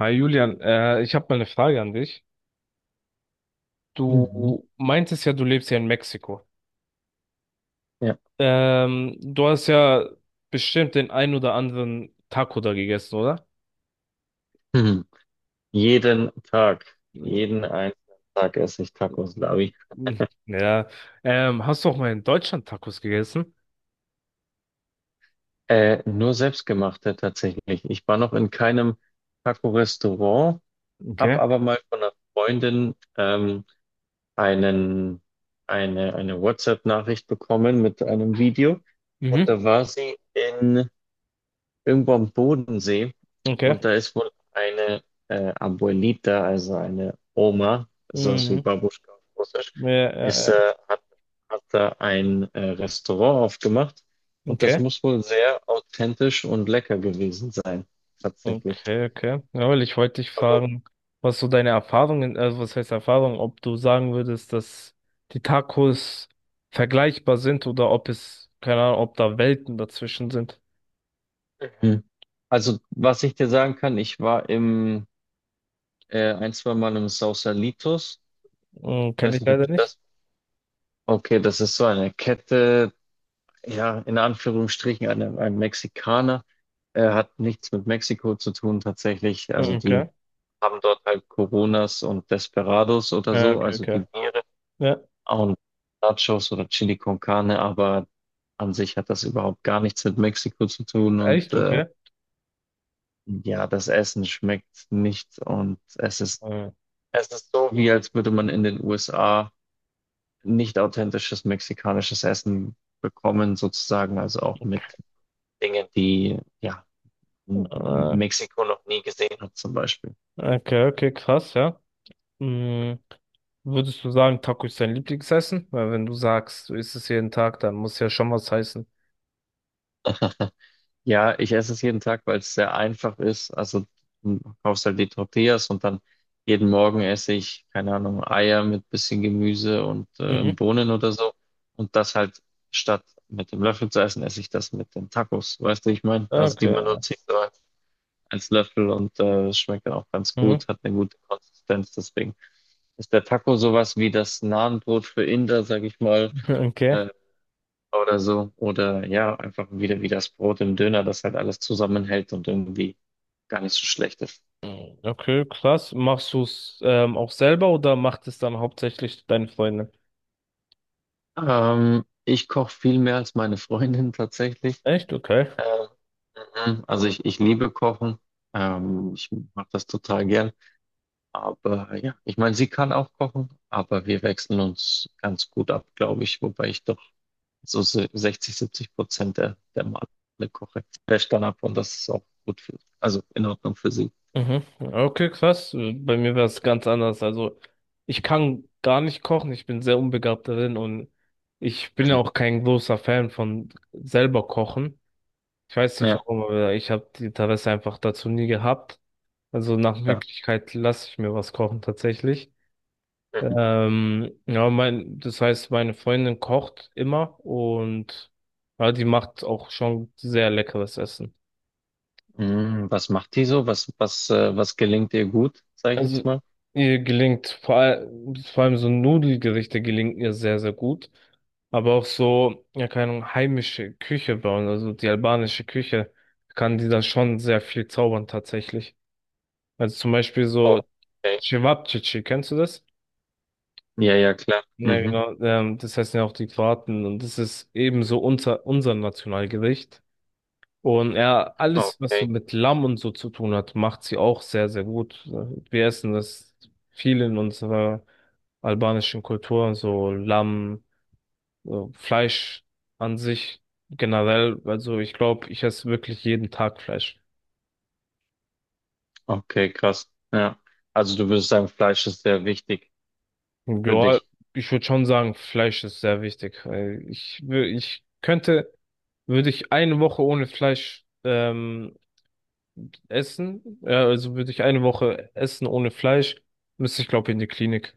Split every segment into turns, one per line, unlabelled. Hi Julian, ich habe mal eine Frage an dich. Du
Mhm.
meintest ja, du lebst ja in Mexiko.
Ja.
Du hast ja bestimmt den ein oder anderen Taco da gegessen, oder?
Mhm. Jeden Tag, jeden einzelnen Tag esse ich Tacos, glaube ich.
Mhm. Ja. Hast du auch mal in Deutschland Tacos gegessen?
Nur selbstgemachte tatsächlich. Ich war noch in keinem Taco-Restaurant,
Okay.
habe aber mal von einer Freundin einen, eine WhatsApp-Nachricht bekommen mit einem Video. Und
Mhm.
da war sie in irgendwo am Bodensee und
Okay.
da ist wohl eine Abuelita, also eine Oma, sowas wie
Mhm.
Babuschka auf Russisch,
Ja, ja,
ist,
ja.
äh, hat, hat da ein Restaurant aufgemacht, und das
Okay.
muss wohl sehr authentisch und lecker gewesen sein, tatsächlich.
Okay, okay. Ja, weil ich wollte dich
Aber,
fragen, was so deine Erfahrungen, also was heißt Erfahrung, ob du sagen würdest, dass die Tacos vergleichbar sind oder ob es, keine Ahnung, ob da Welten dazwischen sind.
mhm. Also, was ich dir sagen kann, ich war im ein, zwei Mal im Sausalitos.
Hm,
Ich
kenne
weiß
ich
nicht, ob
leider
du
nicht.
das. Okay, das ist so eine Kette, ja, in Anführungsstrichen einem Mexikaner. Hat nichts mit Mexiko zu tun tatsächlich. Also
Hm,
die
okay.
haben dort halt Coronas und Desperados oder
Ja,
so,
okay,
also die
okay.
Biere
Ja,
und Nachos oder Chili con Carne, aber an sich hat das überhaupt gar nichts mit Mexiko zu tun, und
echt, okay.
ja, das Essen schmeckt nicht, und es ist,
Hm.
es ist so, wie als würde man in den USA nicht authentisches mexikanisches Essen bekommen, sozusagen, also auch mit Dingen, die ja M-
Äh,
Mexiko noch nie gesehen hat zum Beispiel.
Okay, okay, krass, ja. Hm, würdest du sagen, Taco ist dein Lieblingsessen? Weil wenn du sagst, du isst es jeden Tag, dann muss ja schon was heißen.
Ja, ich esse es jeden Tag, weil es sehr einfach ist. Also du kaufst halt die Tortillas und dann jeden Morgen esse ich, keine Ahnung, Eier mit bisschen Gemüse und
Mhm.
Bohnen oder so. Und das halt statt mit dem Löffel zu essen, esse ich das mit den Tacos. Weißt du, ich meine, also die
Okay.
benutze ich so als Löffel, und schmeckt dann auch ganz
Mhm.
gut, hat eine gute Konsistenz. Deswegen ist der Taco sowas wie das Nahenbrot für Inder, sag ich mal.
Okay.
äh, oder so. Oder ja, einfach wieder wie das Brot im Döner, das halt alles zusammenhält und irgendwie gar nicht so schlecht ist.
Okay, krass. Machst du es auch selber oder macht es dann hauptsächlich deine Freundin?
Ich koche viel mehr als meine Freundin tatsächlich.
Echt? Okay.
Ähm, mhm. Also ich liebe Kochen. Ich mache das total gern. Aber ja, ich meine, sie kann auch kochen, aber wir wechseln uns ganz gut ab, glaube ich. Wobei ich doch so 60, 70% der Male koche. Wäscht dann ab, und das ist auch gut für, also in Ordnung für sie.
Mhm. Okay, krass. Bei mir wäre es ganz anders. Also ich kann gar nicht kochen. Ich bin sehr unbegabt darin und ich bin ja
Mhm.
auch kein großer Fan von selber kochen. Ich weiß nicht
Ja,
warum, aber ich habe die Interesse einfach dazu nie gehabt. Also nach
klar.
Möglichkeit lasse ich mir was kochen tatsächlich. Ja, das heißt, meine Freundin kocht immer und ja, die macht auch schon sehr leckeres Essen.
Hm, was macht die so? Was gelingt ihr gut, sage ich
Also
jetzt mal?
ihr gelingt vor allem so Nudelgerichte gelingen ihr sehr, sehr gut. Aber auch so, ja, keine Ahnung, heimische Küche bauen, also die albanische Küche, kann die da schon sehr viel zaubern tatsächlich. Also zum Beispiel so
Okay.
Cevapcici, kennst du das?
Ja, ja, klar.
Ja,
Mhm.
genau. Das heißen ja auch die Kroaten und das ist ebenso unser Nationalgericht. Und ja, alles, was so
Okay.
mit Lamm und so zu tun hat, macht sie auch sehr, sehr gut. Wir essen das viel in unserer albanischen Kultur, so Lamm, so Fleisch an sich generell. Also ich glaube, ich esse wirklich jeden Tag Fleisch.
Okay, krass. Ja. Also du würdest sagen, Fleisch ist sehr wichtig für
Ja,
dich.
ich würde schon sagen, Fleisch ist sehr wichtig, weil Ich, wür- ich könnte, würde ich eine Woche ohne Fleisch essen, ja, also würde ich eine Woche essen ohne Fleisch, müsste ich glaube in die Klinik.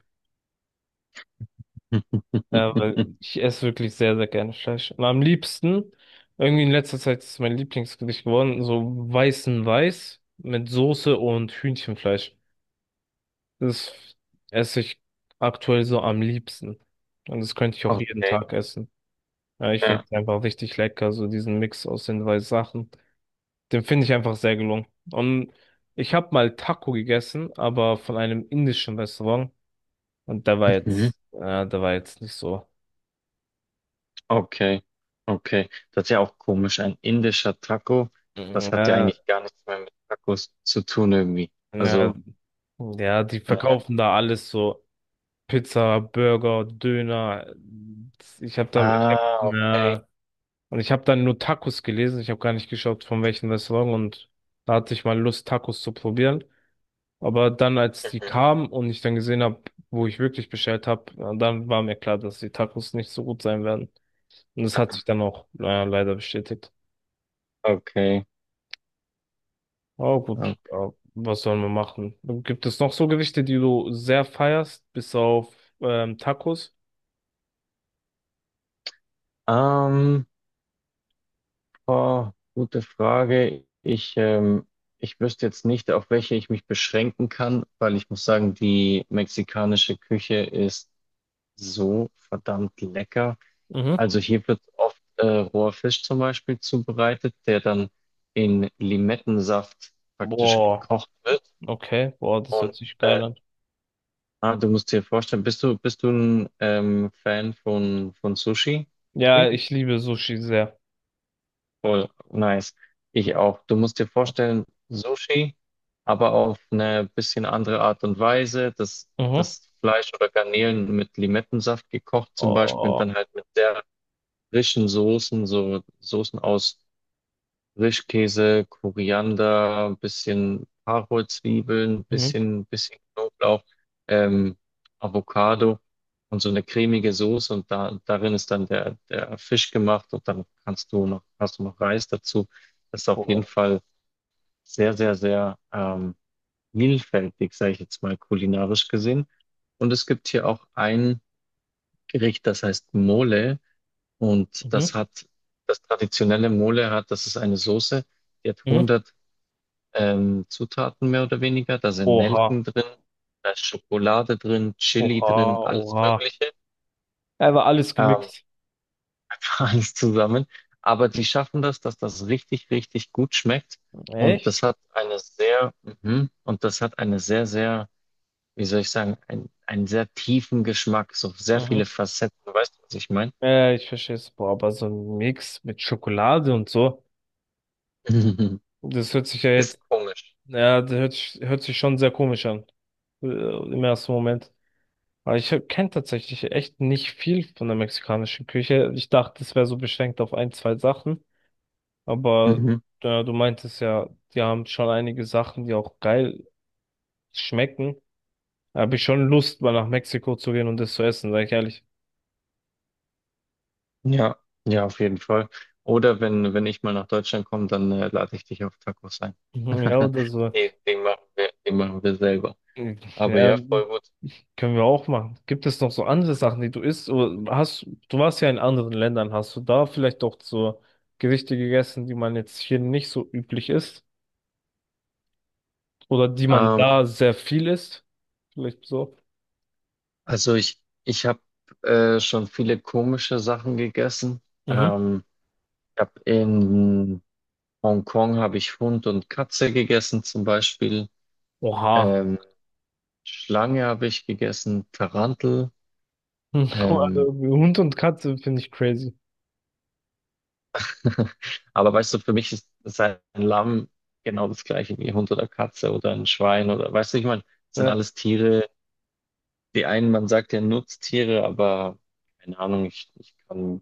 Ja, weil ich esse wirklich sehr, sehr gerne Fleisch. Und am liebsten, irgendwie in letzter Zeit ist es mein Lieblingsgericht geworden, so weißen Weiß mit Soße und Hühnchenfleisch. Das esse ich aktuell so am liebsten. Und das könnte ich auch jeden
Okay.
Tag essen. Ja, ich finde
Ja.
es einfach richtig lecker, so diesen Mix aus den zwei Sachen. Den finde ich einfach sehr gelungen. Und ich habe mal Taco gegessen, aber von einem indischen Restaurant. Und
Mhm.
da war jetzt nicht so.
Okay. Okay. Das ist ja auch komisch. Ein indischer Taco,
Mhm.
das hat ja eigentlich gar nichts mehr mit Tacos zu tun irgendwie.
Ja,
Also,
ja, die
naja.
verkaufen da alles so. Pizza, Burger, Döner. Ich habe da, ich hab,
Ah,
ja, und ich habe dann nur Tacos gelesen. Ich habe gar nicht geschaut, von welchem Restaurant. Und da hatte ich mal Lust, Tacos zu probieren. Aber dann, als die kam und ich dann gesehen habe, wo ich wirklich bestellt habe, dann war mir klar, dass die Tacos nicht so gut sein werden. Und das hat sich dann auch leider bestätigt.
okay. Okay.
Aber gut,
Okay.
ja, was sollen wir machen? Gibt es noch so Gerichte, die du sehr feierst, bis auf Tacos?
Ähm, Oh, gute Frage. Ich wüsste jetzt nicht, auf welche ich mich beschränken kann, weil ich muss sagen, die mexikanische Küche ist so verdammt lecker.
Mhm.
Also hier wird oft roher Fisch zum Beispiel zubereitet, der dann in Limettensaft praktisch
Boah,
gekocht wird.
okay, boah, das
Und
hört sich geil an.
ah, du musst dir vorstellen, bist du ein Fan von Sushi? Labi?
Ja, ich liebe Sushi sehr.
Voll nice. Ich auch. Du musst dir vorstellen, Sushi, aber auf eine bisschen andere Art und Weise. Das,
Mhm.
das Fleisch oder Garnelen mit Limettensaft gekocht zum Beispiel und
Oh,
dann halt mit sehr frischen Soßen, so Soßen aus Frischkäse, Koriander, bisschen Karotzwiebeln,
mhm.
bisschen Knoblauch, ähm, Avocado und so eine cremige Soße, und darin ist dann der Fisch gemacht, und dann kannst du noch, hast du noch Reis dazu. Das ist auf jeden
Boah.
Fall sehr, sehr, sehr vielfältig, sage ich jetzt mal kulinarisch gesehen. Und es gibt hier auch ein Gericht, das heißt Mole, und das
Mhm.
hat, das traditionelle Mole hat, das ist eine Soße, die
Mhm.
hat Zutaten mehr oder weniger. Da sind
Oha,
Nelken drin, da ist Schokolade drin, Chili
oha,
drin, alles
oha.
Mögliche,
Er war alles
ähm,
gemixt.
alles zusammen. Aber die schaffen das, dass das richtig, richtig gut schmeckt. Und
Echt?
das hat eine sehr, sehr, wie soll ich sagen, einen sehr tiefen Geschmack, so sehr viele
Mhm.
Facetten. Weißt du, was ich meine?
Ja, ich verstehe es. Boah, aber so ein Mix mit Schokolade und so, das hört sich ja
Ist
jetzt,
komisch.
ja, das hört sich schon sehr komisch an. Im ersten Moment. Aber ich kenne tatsächlich echt nicht viel von der mexikanischen Küche. Ich dachte, es wäre so beschränkt auf ein, zwei Sachen. Aber
Mhm.
du meintest ja, die haben schon einige Sachen, die auch geil schmecken. Da habe ich schon Lust, mal nach Mexiko zu gehen und das zu essen, sag ich ehrlich.
Ja, ja, auf jeden Fall. Oder wenn ich mal nach Deutschland komme, dann lade ich dich auf Tacos ein.
Mhm, ja, oder so.
Den machen wir selber. Aber
Ja,
ja, voll gut.
können wir auch machen. Gibt es noch so andere Sachen, die du isst? Oder du warst ja in anderen Ländern. Hast du da vielleicht auch so Gerichte gegessen, die man jetzt hier nicht so üblich isst? Oder die man
Ähm,
da sehr viel isst? Vielleicht so.
also ich habe schon viele komische Sachen gegessen.
Mhm.
Ähm, Ich hab in Hongkong habe ich Hund und Katze gegessen zum Beispiel.
Oha.
Ähm, Schlange habe ich gegessen, Tarantel.
Also,
Ähm,
Hund und Katze finde ich crazy.
Aber weißt du, für mich ist ein Lamm genau das gleiche wie ein Hund oder Katze oder ein Schwein, oder weißt du, ich meine, das sind
Ja.
alles Tiere. Die einen, man sagt ja Nutztiere, aber keine Ahnung,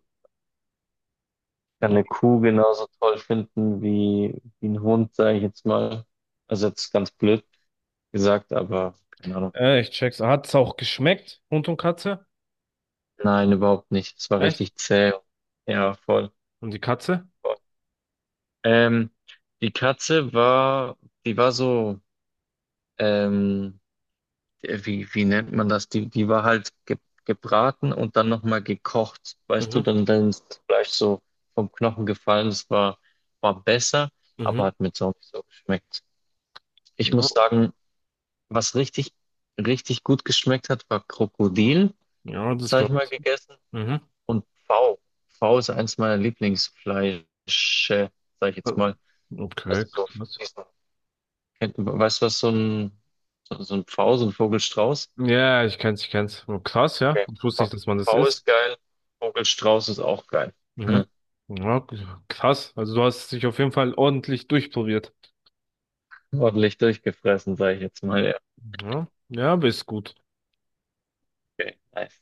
kann eine Kuh genauso toll finden wie, wie ein Hund, sage ich jetzt mal. Also jetzt ganz blöd gesagt, aber keine Ahnung.
Ich check's. Hat es auch geschmeckt? Hund und Katze?
Nein, überhaupt nicht. Es war
Echt?
richtig zäh. Ja, voll.
Und die Katze?
Voll. Ähm, Die Katze war, die war so. Ähm, Wie, wie nennt man das? Die war halt ge gebraten und dann nochmal gekocht. Weißt du,
Mhm.
dann ist das Fleisch so vom Knochen gefallen. Das war, war besser, aber
Mhm.
hat mir so nicht so geschmeckt. Ich muss sagen, was richtig, richtig gut geschmeckt hat, war Krokodil,
Ja,
das
das
habe ich
glaube
mal
ich.
gegessen.
Mhm.
Und Pfau. Pfau ist eins meiner Lieblingsfleische, sage ich jetzt mal.
Ähm,
Also
Okay,
so
krass.
diesen, weißt du, was so so ein Pfau, so ein Vogelstrauß?
Ja, ich kenn's, ich kenn's. Oh, krass, ja.
Okay.
Ich wusste
V
nicht, dass man das
V
isst.
ist geil, Vogelstrauß ist auch geil.
Mhm. Ja, k- Krass. Also du hast dich auf jeden Fall ordentlich durchprobiert.
Ordentlich durchgefressen, sage ich jetzt mal. Ja,
Ja, ja, aber ist gut.
okay, nice.